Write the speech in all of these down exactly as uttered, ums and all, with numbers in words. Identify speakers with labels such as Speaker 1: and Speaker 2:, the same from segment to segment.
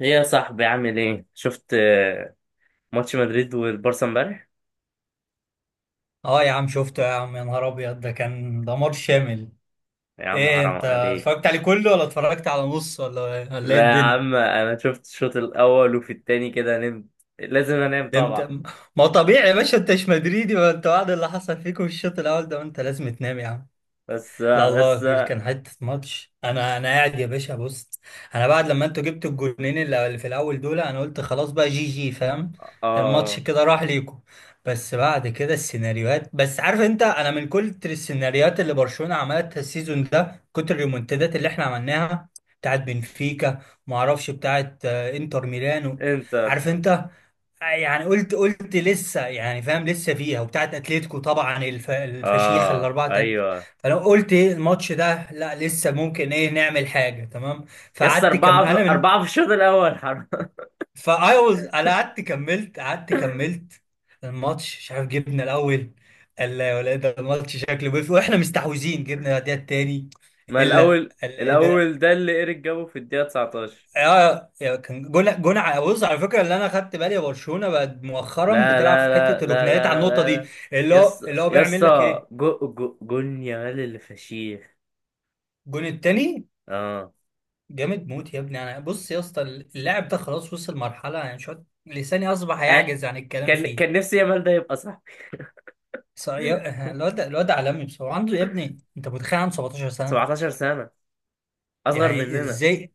Speaker 1: ايه يا صاحبي عامل ايه؟ شفت، آه، ماتش مدريد والبارسا امبارح؟
Speaker 2: اه يا عم شفته يا عم، يا نهار ابيض ده كان دمار شامل.
Speaker 1: يا عم
Speaker 2: ايه
Speaker 1: حرام
Speaker 2: انت
Speaker 1: عليك.
Speaker 2: اتفرجت عليه كله ولا اتفرجت على نص ولا ولا ايه
Speaker 1: لا يا
Speaker 2: الدنيا؟
Speaker 1: عم انا شفت الشوط الاول وفي التاني كده نمت. لازم انام
Speaker 2: ده انت،
Speaker 1: طبعا.
Speaker 2: ما هو طبيعي يا باشا، انت مش مدريدي، ما انت بعد اللي حصل فيكم في الشوط الاول ده ما انت لازم تنام يا عم.
Speaker 1: بس
Speaker 2: لا الله
Speaker 1: بس.
Speaker 2: وكيل كان حته ماتش. انا انا قاعد يا باشا، بص، انا بعد لما انتوا جبتوا الجونين اللي اللي في الاول دول، انا قلت خلاص بقى، جي جي، فاهم؟ الماتش
Speaker 1: اه.
Speaker 2: كده راح ليكم. بس بعد كده السيناريوهات، بس عارف انت، انا من كتر السيناريوهات اللي برشلونه عملتها السيزون ده، كتر الريمونتادات اللي احنا عملناها، بتاعت بنفيكا، ما اعرفش، بتاعت آه، انتر ميلانو،
Speaker 1: انتر.
Speaker 2: عارف انت؟ يعني قلت قلت لسه، يعني فاهم لسه فيها، وبتاعت اتلتيكو طبعا، الف... الفشيخه
Speaker 1: اه،
Speaker 2: الاربعه تل...
Speaker 1: ايوه.
Speaker 2: فلو قلت إيه الماتش ده، لا لسه ممكن ايه، نعمل حاجه، تمام؟
Speaker 1: يس،
Speaker 2: فقعدت كم
Speaker 1: اربعة في
Speaker 2: انا من
Speaker 1: اربعة في الشوط الاول، حرام.
Speaker 2: فايوز. انا قعدت كملت، قعدت كملت. الماتش مش عارف، جبنا الاول، قال لا يا ولا، إيه ده الماتش شكله بيف واحنا مستحوذين، جبنا الدقيقه التاني.
Speaker 1: ما
Speaker 2: الا،
Speaker 1: الاول الاول ده اللي ايريك جابه في الدقيقة تسعتاشر.
Speaker 2: اه يا- كان جون جون ع- بص على فكره، اللي انا خدت بالي، برشلونه بقت مؤخرا
Speaker 1: لا
Speaker 2: بتلعب
Speaker 1: لا
Speaker 2: في
Speaker 1: لا
Speaker 2: حته
Speaker 1: لا
Speaker 2: الركنيات على
Speaker 1: لا
Speaker 2: النقطه
Speaker 1: لا
Speaker 2: دي،
Speaker 1: لا.
Speaker 2: اللي هو
Speaker 1: يس
Speaker 2: اللي هو
Speaker 1: يس.
Speaker 2: بيعمل لك ايه.
Speaker 1: جو جو جون يامال اللي فشيخ.
Speaker 2: الجون التاني
Speaker 1: اه.
Speaker 2: جامد موت يا ابني. انا بص يا اسطى، اللاعب ده خلاص وصل مرحله، يعني شويه لساني اصبح
Speaker 1: آه،
Speaker 2: يعجز عن الكلام
Speaker 1: كان
Speaker 2: فيه.
Speaker 1: كان نفسي يامال ده يبقى صاحبي.
Speaker 2: ص- يا- الواد ده- الواد ده عالمي بصراحه، عنده يا ابني، انت متخيل عنده سبعة عشر سنه؟
Speaker 1: سبع عشرة سنة. أصغر
Speaker 2: يعني
Speaker 1: مننا.
Speaker 2: ازاي؟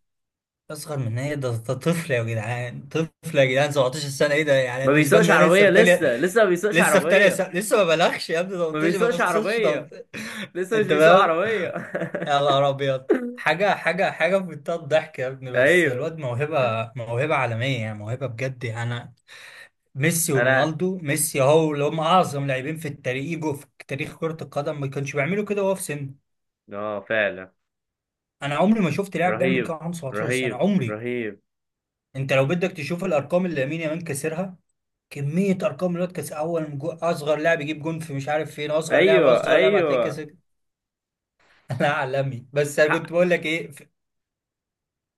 Speaker 2: اصغر من ايه؟ ده ده طفل يا جدعان، طفل يا جدعان، سبعتاشر سنه، ايه ده؟ يعني
Speaker 1: ما
Speaker 2: بالنسبه
Speaker 1: بيسوقش
Speaker 2: لنا لسه
Speaker 1: عربية
Speaker 2: في
Speaker 1: لسه
Speaker 2: تانية،
Speaker 1: لسه، ما بيسوقش
Speaker 2: لسه في تانية
Speaker 1: عربية.
Speaker 2: سنة، لسه ما بلغش يا ابني،
Speaker 1: ما
Speaker 2: تمنتاشر ما
Speaker 1: بيسوقش
Speaker 2: وصلتش
Speaker 1: عربية.
Speaker 2: تمنتاشر.
Speaker 1: لسه مش
Speaker 2: انت
Speaker 1: بيسوق
Speaker 2: فاهم؟
Speaker 1: عربية.
Speaker 2: يا نهار ابيض، حاجة حاجة حاجة في منتهى الضحك يا ابني. بس
Speaker 1: أيوه.
Speaker 2: الواد موهبة، موهبة عالمية، يعني موهبة بجد، يعني انا، ميسي
Speaker 1: أنا.
Speaker 2: ورونالدو ميسي هو اللي هم اعظم لاعبين في التاريخ يجوا في تاريخ كرة القدم، ما كانش بيعملوا كده وهو في سن.
Speaker 1: آه فعلا،
Speaker 2: انا عمري ما شفت لاعب بيعمل كده
Speaker 1: رهيب.
Speaker 2: عنده سبعة عشر سنة،
Speaker 1: رهيب
Speaker 2: عمري.
Speaker 1: رهيب.
Speaker 2: انت لو بدك تشوف الارقام اللي لامين يامال كسرها، كمية ارقام الواد. كاس، اول جو- اصغر لاعب يجيب جون في مش عارف فين، اصغر لاعب،
Speaker 1: أيوه
Speaker 2: اصغر لاعب هتلاقي كاس.
Speaker 1: أيوه.
Speaker 2: لا عالمي، بس انا
Speaker 1: حق
Speaker 2: كنت بقول لك ايه ف-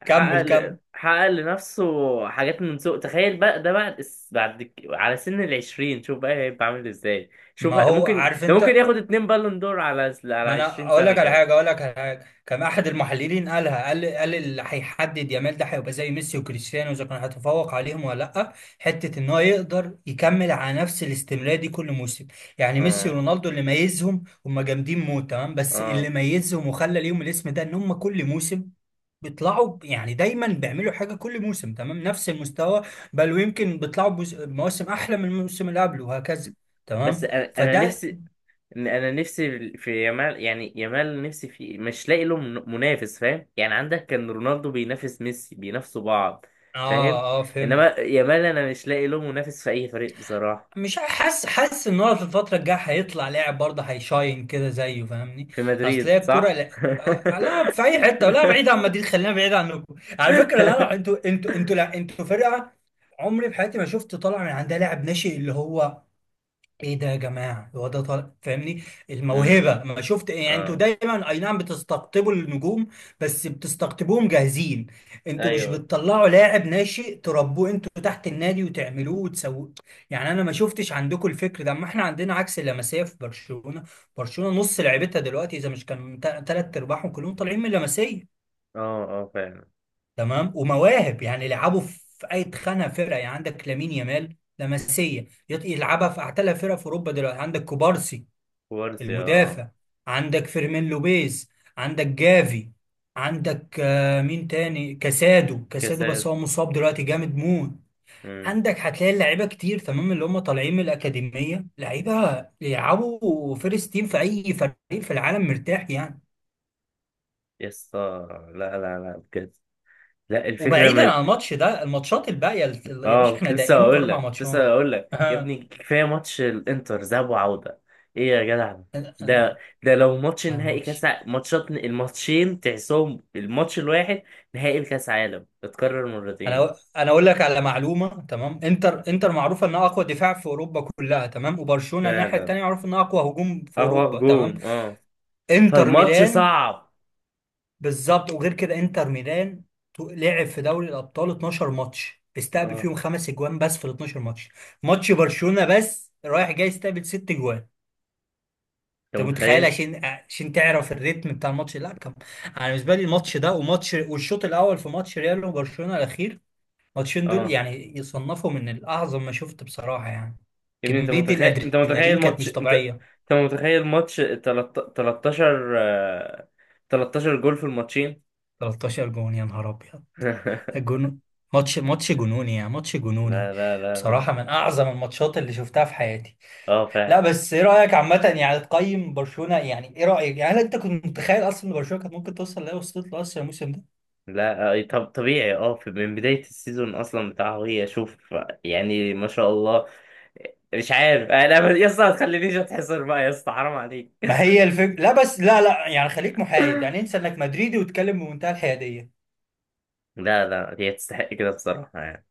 Speaker 1: حقق
Speaker 2: كمل
Speaker 1: ل-
Speaker 2: كمل.
Speaker 1: حقق لنفسه حاجات من سوق. تخيل بقى ده بعد الس- بعد ك- على سن العشرين، شوف بقى هيبقى عامل ازاي. شوف
Speaker 2: ما
Speaker 1: بقى-
Speaker 2: هو
Speaker 1: ممكن
Speaker 2: عارف
Speaker 1: ده ممكن
Speaker 2: انت.
Speaker 1: ياخد اتنين بالون دور على على
Speaker 2: ما انا
Speaker 1: عشرين
Speaker 2: اقول
Speaker 1: سنة
Speaker 2: لك على
Speaker 1: كده.
Speaker 2: حاجه، اقول لك على حاجه، كان احد المحللين قالها، قال قال اللي هيحدد يامال ده هيبقى زي ميسي وكريستيانو اذا كان هيتفوق عليهم ولا لا، حته ان هو يقدر يكمل على نفس الاستمرار دي كل موسم. يعني ميسي
Speaker 1: اه
Speaker 2: ورونالدو اللي ميزهم، هم جامدين موت تمام، بس اللي
Speaker 1: اه.
Speaker 2: ميزهم وخلى ليهم الاسم ده ان هم كل موسم بيطلعوا ب- يعني دايما بيعملوا حاجه كل موسم، تمام، نفس المستوى، بل ويمكن بيطلعوا بموس- بمواسم احلى من الموسم اللي قبله، وهكذا،
Speaker 1: بس
Speaker 2: تمام،
Speaker 1: انا انا
Speaker 2: فده.
Speaker 1: نفسي. انا نفسي في يامال، يعني يامال نفسي في، مش لاقي له من- منافس، فاهم؟ يعني عندك كان رونالدو بينافس ميسي، بينافسوا بعض. فاهم.
Speaker 2: اه اه
Speaker 1: انما
Speaker 2: فهمت.
Speaker 1: يامال انا مش لاقي له منافس في اي فريق بصراحة.
Speaker 2: مش حاسس حاسس ان هو في الفتره الجايه هيطلع لاعب برضه هيشاين كده زيه، فاهمني؟
Speaker 1: في
Speaker 2: اصل
Speaker 1: مدريد،
Speaker 2: هي الكوره،
Speaker 1: صح.
Speaker 2: لا، آه، لا في اي حته، لا بعيد عن مدريد، خلينا بعيد عنكم على فكره، لا لا، انتوا انتوا انتوا لا انتوا فرقه، عمري في حياتي ما شفت طالع من عندها لاعب ناشئ اللي هو، ايه ده يا جماعه، هو ده طالع، فاهمني؟
Speaker 1: امم.
Speaker 2: الموهبه، ما شفت. يعني انتوا
Speaker 1: اه،
Speaker 2: دايما اي نعم بتستقطبوا النجوم، بس بتستقطبوهم جاهزين، انتوا مش
Speaker 1: ايوه.
Speaker 2: بتطلعوا لاعب ناشئ تربوه انتوا تحت النادي وتعملوه وتسووه. يعني انا ما شفتش عندكم الفكر ده، اما احنا عندنا عكس، اللمسيه في برشلونه. برشلونه نص لعيبتها دلوقتي، اذا مش كان ثلاث ارباعهم، كلهم طالعين من اللمسيه،
Speaker 1: اه، اه، فعلا.
Speaker 2: تمام، ومواهب، يعني لعبوا في اي خانه، فرقه، يعني عندك لامين يامال، لمسيه، يط- يلعبها في اعتلى فرقه في اوروبا دلوقتي. عندك كوبارسي،
Speaker 1: كوارسي، اه.
Speaker 2: المدافع. عندك فيرمين لوبيز. عندك جافي. عندك آه، مين تاني؟ كاسادو كاسادو بس
Speaker 1: كاسات.
Speaker 2: هو مصاب دلوقتي، جامد موت.
Speaker 1: امم.
Speaker 2: عندك هتلاقي لعيبه كتير تمام اللي هم طالعين من الاكاديميه، لعيبه يلعبوا فيرست تيم في اي فريق في العالم، مرتاح يعني.
Speaker 1: يسطا. لا لا لا، بجد. لا، الفكرة.
Speaker 2: وبعيدا عن الماتش ده، الماتشات الباقيه يا
Speaker 1: اه،
Speaker 2: باشا،
Speaker 1: كنت
Speaker 2: احنا
Speaker 1: لسه
Speaker 2: داقين
Speaker 1: هقول
Speaker 2: اربع
Speaker 1: لك كنت
Speaker 2: ماتشات.
Speaker 1: لسه هقول لك يا ابني، كفايه ماتش الانتر ذهاب وعوده. ايه يا جدع. ده ده لو ماتش
Speaker 2: لا
Speaker 1: نهائي كاس
Speaker 2: ماتش.
Speaker 1: ع- ماتشات، الماتشين تحسهم الماتش الواحد. نهائي الكاس عالم، اتكرر مرتين.
Speaker 2: انا انا اقول لك على معلومه، تمام، انتر، انتر معروفه انها اقوى دفاع في اوروبا كلها، تمام، وبرشلونه الناحيه
Speaker 1: فعلا.
Speaker 2: التانيه معروف انها اقوى هجوم في
Speaker 1: اه، هو
Speaker 2: اوروبا، تمام،
Speaker 1: هجوم، اه.
Speaker 2: انتر
Speaker 1: فالماتش
Speaker 2: ميلان.
Speaker 1: صعب.
Speaker 2: بالظبط، وغير كده انتر ميلان تو- لعب في دوري الابطال اثنا عشر ماتش، استقبل
Speaker 1: اه.
Speaker 2: فيهم خمس اجوان بس في ال اثنا عشر ماتش. ماتش برشلونه بس رايح جاي استقبل ست اجوان.
Speaker 1: انت
Speaker 2: انت متخيل؟
Speaker 1: متخيل.
Speaker 2: عشان عشان تعرف الريتم بتاع الماتش، لا كم. انا بالنسبه لي الماتش ده وماتش، والشوط الاول في ماتش ريال وبرشلونه الاخير، الماتشين دول
Speaker 1: اه
Speaker 2: يعني يصنفوا من الأعظم ما شفت بصراحة يعني.
Speaker 1: يا ابني انت
Speaker 2: كمية
Speaker 1: متخيل، انت
Speaker 2: الأدرينالين
Speaker 1: متخيل
Speaker 2: كانت
Speaker 1: ماتش
Speaker 2: مش
Speaker 1: انت
Speaker 2: طبيعية.
Speaker 1: انت متخيل ماتش تلت- تلتاشر، آه، تلتاشر جول في الماتشين.
Speaker 2: تلتاشر جون، يا نهار أبيض، الجون، ماتش، ماتش جنوني يعني، ماتش جنوني،
Speaker 1: لا لا لا
Speaker 2: بصراحة
Speaker 1: لا.
Speaker 2: من أعظم الماتشات اللي شفتها في حياتي.
Speaker 1: اه
Speaker 2: لا
Speaker 1: فعلا.
Speaker 2: بس إيه رأيك عامة، يعني تقيم برشلونة، يعني إيه رأيك، يعني هل أنت كنت متخيل أصلا إن برشلونة كانت ممكن توصل لها، وصلت له أصلا الموسم ده؟
Speaker 1: لا، آه، طب طبيعي، اه في- من بداية السيزون اصلا بتاعه، هي شوف. يعني ما شاء الله. مش عارف انا ب- يا اسطى ما تخلينيش اتحصر بقى، يا اسطى حرام عليك.
Speaker 2: ما هي الفكرة، لا بس لا لا، يعني خليك محايد، يعني انسى إنك مدريدي وتتكلم بمنتهى الحيادية.
Speaker 1: لا لا، هي تستحق كده بصراحة يعني.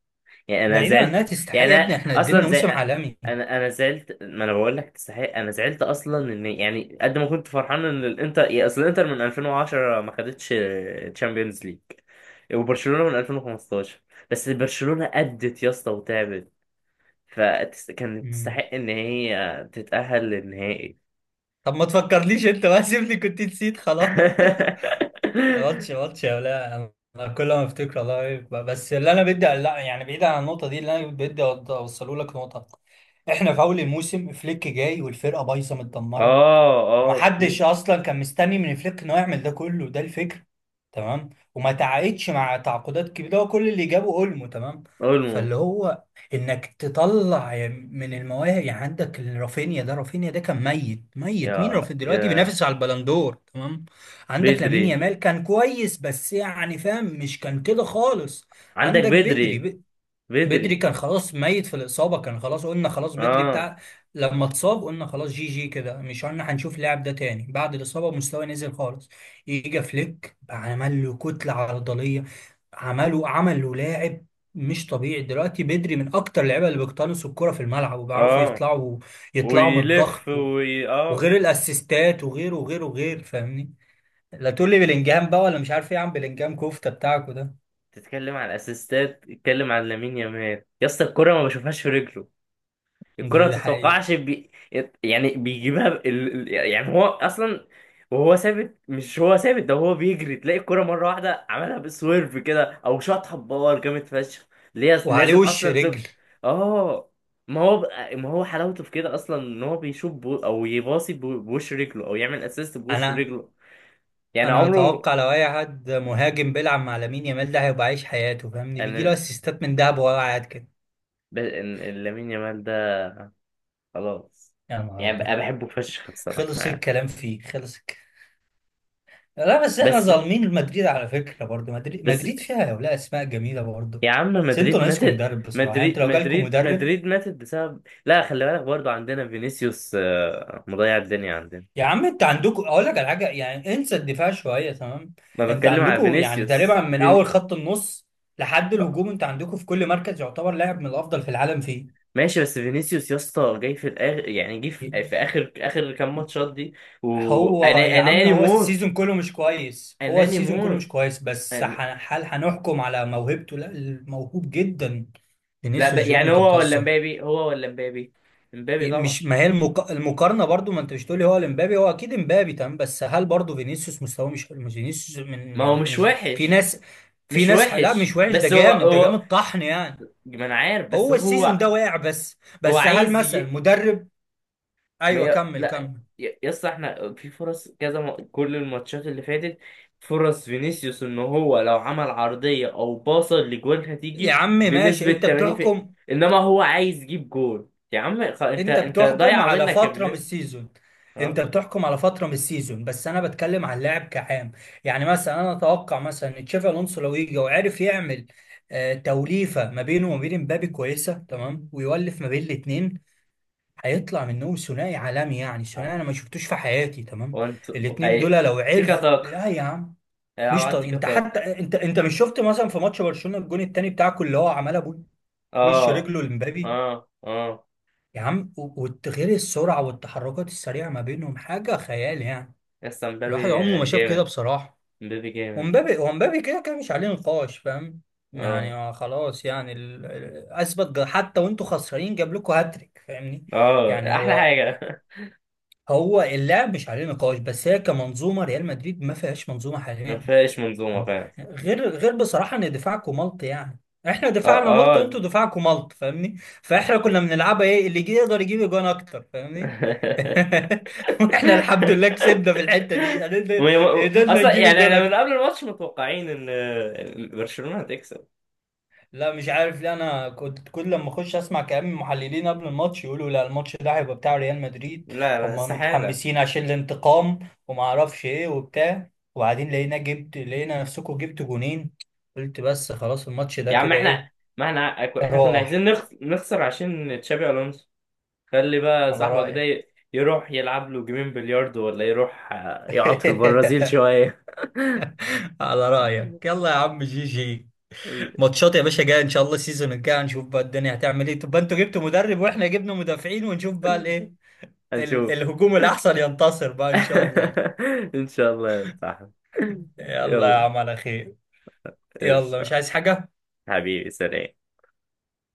Speaker 1: يعني انا
Speaker 2: بعيدا عن إنها
Speaker 1: زعلت،
Speaker 2: تستحق
Speaker 1: يعني
Speaker 2: يا ابني،
Speaker 1: أنا
Speaker 2: إحنا
Speaker 1: اصلا
Speaker 2: قدمنا
Speaker 1: زي.
Speaker 2: موسم عالمي.
Speaker 1: انا انا زعلت، ما انا بقول لك تستحق، انا زعلت اصلا ان، يعني قد ما كنت فرحان ان الانتر، يا اصل الانتر من ألفين وعشرة ما خدتش تشامبيونز ليج، وبرشلونة من ألفين وخمستاشر. بس برشلونة أدت يا اسطى وتعبت، فكانت
Speaker 2: مم.
Speaker 1: تستحق ان هي تتأهل للنهائي.
Speaker 2: طب ما تفكرليش انت بقى، سيبني، كنت نسيت خلاص. ماتش، ماتش يا ولا، انا كل ما افتكر والله إيه، ب- بس اللي انا بدي، لا يعني بعيد عن النقطه دي، اللي انا بدي أوض- اوصله لك نقطه. احنا في اول الموسم فليك جاي والفرقه بايظه متدمره،
Speaker 1: اه، اه، فليك.
Speaker 2: ومحدش اصلا كان مستني من فليك انه يعمل ده كله، ده الفكره، تمام، وما تعاقدش مع تعاقدات كبيره، هو كل اللي جابه اولمو، تمام،
Speaker 1: اولمو.
Speaker 2: فاللي هو انك تطلع من المواهب. يعني عندك رافينيا، ده رافينيا ده كان ميت، ميت مين.
Speaker 1: يا
Speaker 2: رافينيا دلوقتي
Speaker 1: يا
Speaker 2: بينافس على البلندور، تمام. عندك لامين
Speaker 1: بدري.
Speaker 2: يامال كان كويس بس يعني فاهم، مش كان كده خالص.
Speaker 1: عندك
Speaker 2: عندك
Speaker 1: بدري.
Speaker 2: بدري، بدري
Speaker 1: بدري
Speaker 2: كان خلاص ميت في الإصابة، كان خلاص، قلنا خلاص بدري
Speaker 1: اه
Speaker 2: بتاع، لما اتصاب قلنا خلاص جي جي كده، مش قلنا هنشوف اللاعب ده تاني بعد الإصابة، مستواه نزل خالص. يجي فليك عمل له كتلة عضلية، عمله، عمل له لاعب مش طبيعي. دلوقتي بدري من أكتر اللعيبة اللي بيقتنصوا الكرة في الملعب وبيعرفوا
Speaker 1: اه،
Speaker 2: يطلعوا يطلعوا من
Speaker 1: ويلف،
Speaker 2: الضغط و-
Speaker 1: وي اه.
Speaker 2: وغير الأسيستات وغيره وغيره وغير، فاهمني؟ لا تقول لي بلينجهام بقى ولا مش عارف ايه، يا عم بلينجهام كفتة بتاعكوا ده.
Speaker 1: تتكلم على الاسيستات، تتكلم على لامين يامال يا اسطى، الكرة ما بشوفهاش في رجله. الكرة
Speaker 2: ده
Speaker 1: ما
Speaker 2: ده حقيقي.
Speaker 1: تتوقعش بي... يعني بيجيبها ب... ال- ال- يعني هو أصلا، وهو ثابت، مش هو ثابت ده، هو بيجري تلاقي الكرة مرة واحدة، عملها بسويرف كده أو شاطها بباور جامد فشخ. اللي هي
Speaker 2: وعليه
Speaker 1: لازم
Speaker 2: وش
Speaker 1: أصلا
Speaker 2: رجل.
Speaker 1: تب... آه. ما هو بقى... ما هو حلاوته في كده أصلا، إن هو بيشوط بو... أو يباصي بو... بوش رجله، أو يعمل أسيست بوش
Speaker 2: انا
Speaker 1: رجله. يعني
Speaker 2: انا
Speaker 1: عمره.
Speaker 2: اتوقع لو اي حد مهاجم بيلعب مع لامين يامال ده هيبقى عايش حياته، فاهمني، بيجي له
Speaker 1: أنا
Speaker 2: اسيستات من دهب وهو قاعد كده.
Speaker 1: ب... إن- لامين يامال ده، خلاص.
Speaker 2: يا نهار
Speaker 1: يعني
Speaker 2: ابيض،
Speaker 1: بقى بحبه فشخ بصراحة
Speaker 2: خلص
Speaker 1: يعني.
Speaker 2: الكلام فيه، خلص الكلام. لا بس احنا
Speaker 1: بس
Speaker 2: ظالمين مدريد على فكره، برضو مدريد،
Speaker 1: بس
Speaker 2: مدريد فيها يا ولا اسماء جميله برضو.
Speaker 1: يا عم،
Speaker 2: بس انتوا
Speaker 1: مدريد
Speaker 2: ناقصكم
Speaker 1: ماتت.
Speaker 2: مدرب بصراحه، يعني انتوا
Speaker 1: مدريد
Speaker 2: لو جالكم
Speaker 1: مدريد
Speaker 2: مدرب.
Speaker 1: مدريد ماتت بسبب، لا خلي بالك برضو، عندنا فينيسيوس آه، مضيع الدنيا عندنا.
Speaker 2: يا عم انت عندكم، اقول لك على حاجه، يعني انسى الدفاع شويه، تمام،
Speaker 1: ما
Speaker 2: انت
Speaker 1: بتكلم على
Speaker 2: عندكم يعني
Speaker 1: فينيسيوس
Speaker 2: تقريبا من اول
Speaker 1: فين...
Speaker 2: خط النص لحد
Speaker 1: آه،
Speaker 2: الهجوم، انت عندكم في كل مركز يعتبر لاعب من الافضل في العالم،
Speaker 1: ماشي، بس فينيسيوس يا اسطى جاي في الاخر، يعني جه
Speaker 2: فيه.
Speaker 1: في... في اخر اخر كام ماتشات دي.
Speaker 2: هو يا
Speaker 1: وانا
Speaker 2: عم
Speaker 1: اناني
Speaker 2: هو
Speaker 1: موت.
Speaker 2: السيزون كله مش كويس، هو
Speaker 1: اناني
Speaker 2: السيزون كله مش
Speaker 1: موت.
Speaker 2: كويس، بس
Speaker 1: أن...
Speaker 2: ح- هل هنحكم على موهبته؟ لا الموهوب جدا،
Speaker 1: لا ب...
Speaker 2: فينيسيوس جونيور،
Speaker 1: يعني
Speaker 2: انت
Speaker 1: هو ولا
Speaker 2: بتهزر؟
Speaker 1: مبابي، هو ولا مبابي مبابي
Speaker 2: إيه
Speaker 1: طبعا.
Speaker 2: مش، ما هي المق... المقارنه برضو، ما انت مش تقولي هو الامبابي، هو اكيد امبابي، تمام، بس هل برضو فينيسيوس مستواه مش حلو؟ مش فينيسيوس من
Speaker 1: ما هو
Speaker 2: يع-
Speaker 1: مش
Speaker 2: مش في
Speaker 1: وحش.
Speaker 2: ناس، في
Speaker 1: مش
Speaker 2: ناس ح- لا
Speaker 1: وحش،
Speaker 2: مش وحش، ده
Speaker 1: بس هو
Speaker 2: جامد، ده
Speaker 1: هو
Speaker 2: جامد طحن يعني.
Speaker 1: ما انا عارف، بس
Speaker 2: هو السيزون ده
Speaker 1: هو.
Speaker 2: واقع، بس
Speaker 1: هو
Speaker 2: بس هل
Speaker 1: عايز
Speaker 2: مثلا
Speaker 1: يجي...
Speaker 2: مدرب؟
Speaker 1: ما
Speaker 2: ايوه
Speaker 1: ي...
Speaker 2: كمل
Speaker 1: لا.
Speaker 2: كمل.
Speaker 1: ي- يس، احنا في فرص كذا، م... كل الماتشات اللي فاتت، فرص فينيسيوس ان هو لو عمل عرضية او باصة لجوان
Speaker 2: يا
Speaker 1: هتيجي
Speaker 2: عم ماشي
Speaker 1: بنسبة
Speaker 2: انت
Speaker 1: تمانين في...
Speaker 2: بتحكم،
Speaker 1: انما هو عايز يجيب جول، يا عم خ... انت
Speaker 2: انت
Speaker 1: انت
Speaker 2: بتحكم
Speaker 1: ضايعة
Speaker 2: على
Speaker 1: منك يا
Speaker 2: فترة من
Speaker 1: فينيسيوس.
Speaker 2: السيزون، انت
Speaker 1: ها.
Speaker 2: بتحكم على فترة من السيزون، بس انا بتكلم على اللاعب كعام. يعني مثلا انا اتوقع مثلا ان تشافي الونسو لو يجي وعرف يعمل آه، توليفة ما بينه وما بين مبابي كويسة، تمام، ويولف ما بين الاتنين، هيطلع منهم ثنائي عالمي، يعني ثنائي انا ما
Speaker 1: آه.
Speaker 2: شفتوش في حياتي، تمام،
Speaker 1: وانت،
Speaker 2: الاتنين دول
Speaker 1: اي،
Speaker 2: لو
Speaker 1: تيكا
Speaker 2: عرفوا،
Speaker 1: تاك.
Speaker 2: لا يا عم.
Speaker 1: العب
Speaker 2: مش
Speaker 1: على
Speaker 2: طر...
Speaker 1: التيكا
Speaker 2: انت حتى،
Speaker 1: تاك.
Speaker 2: انت انت مش شفت مثلا في ماتش برشلونة الجون التاني بتاعكم اللي هو عملها بوش
Speaker 1: اه،
Speaker 2: رجله لمبابي،
Speaker 1: اه، اه.
Speaker 2: يا عم، و- وغير السرعة والتحركات السريعة ما بينهم حاجة خيال يعني،
Speaker 1: يس مبابي.
Speaker 2: الواحد عمره ما شاف كده
Speaker 1: جامد.
Speaker 2: بصراحة.
Speaker 1: مبابي جامد.
Speaker 2: ومبابي ومبابي كده كده مش عليه نقاش، فاهم؟ يعني
Speaker 1: اه،
Speaker 2: هو خلاص، يعني ال... ال- أثبت جا- حتى وأنتوا خسرانين جاب لكم هاتريك، فاهمني؟
Speaker 1: اه،
Speaker 2: يعني
Speaker 1: احلى
Speaker 2: هو،
Speaker 1: حاجة.
Speaker 2: هو اللاعب مش عليه نقاش، بس هي كمنظومة، ريال مدريد ما فيهاش منظومة
Speaker 1: ما
Speaker 2: حاليا،
Speaker 1: فيهاش منظومة،
Speaker 2: فاهم؟
Speaker 1: فعلا.
Speaker 2: غير غير بصراحة إن دفاعكم ملط يعني، احنا
Speaker 1: اه،
Speaker 2: دفاعنا ملط
Speaker 1: اه.
Speaker 2: وانتوا دفاعكم ملط، فاهمني؟ فاحنا كنا بنلعبها ايه، اللي يجي يقدر يجيب اجوان اكتر، فاهمني؟ واحنا الحمد لله كسبنا في الحته دي، قدرنا
Speaker 1: وهي-
Speaker 2: قدرنا
Speaker 1: اصلا
Speaker 2: نجيب
Speaker 1: يعني
Speaker 2: الجون
Speaker 1: احنا من
Speaker 2: اكتر.
Speaker 1: قبل الماتش متوقعين ان برشلونة هتكسب.
Speaker 2: لا مش عارف ليه، انا كنت كل لما اخش اسمع كلام المحللين قبل الماتش يقولوا لا الماتش ده هيبقى بتاع ريال مدريد،
Speaker 1: لا لا،
Speaker 2: هم
Speaker 1: استحالة.
Speaker 2: متحمسين عشان الانتقام، وما اعرفش ايه وبتاع، وبعدين لقينا جبت، لقينا نفسكم جبت جونين، قلت بس خلاص الماتش ده
Speaker 1: يا عم
Speaker 2: كده
Speaker 1: احنا،
Speaker 2: ايه،
Speaker 1: ما احنا احنا كنا عايزين
Speaker 2: راح.
Speaker 1: نخ- نخسر عشان تشابي الونسو. خلي بقى
Speaker 2: على
Speaker 1: صاحبك ده
Speaker 2: رأيك.
Speaker 1: ي- يروح يلعب له جيمين بلياردو، ولا يروح آه، يقعد في البرازيل شوية.
Speaker 2: على رأيك، يلا يا عم، جي جي، ماتشات يا باشا جايه ان شاء الله، السيزون الجاي هنشوف بقى الدنيا هتعمل ايه، تبقى انتوا جبتوا مدرب واحنا جبنا مدافعين، ونشوف بقى الايه، ال-
Speaker 1: هنشوف.
Speaker 2: الهجوم الاحسن ينتصر بقى ان شاء الله.
Speaker 1: ان شاء الله يا صاحبي.
Speaker 2: يلا يا
Speaker 1: يلا.
Speaker 2: عم على خير. يلا مش
Speaker 1: قشطة.
Speaker 2: عايز حاجه.
Speaker 1: حبيبي، سلام.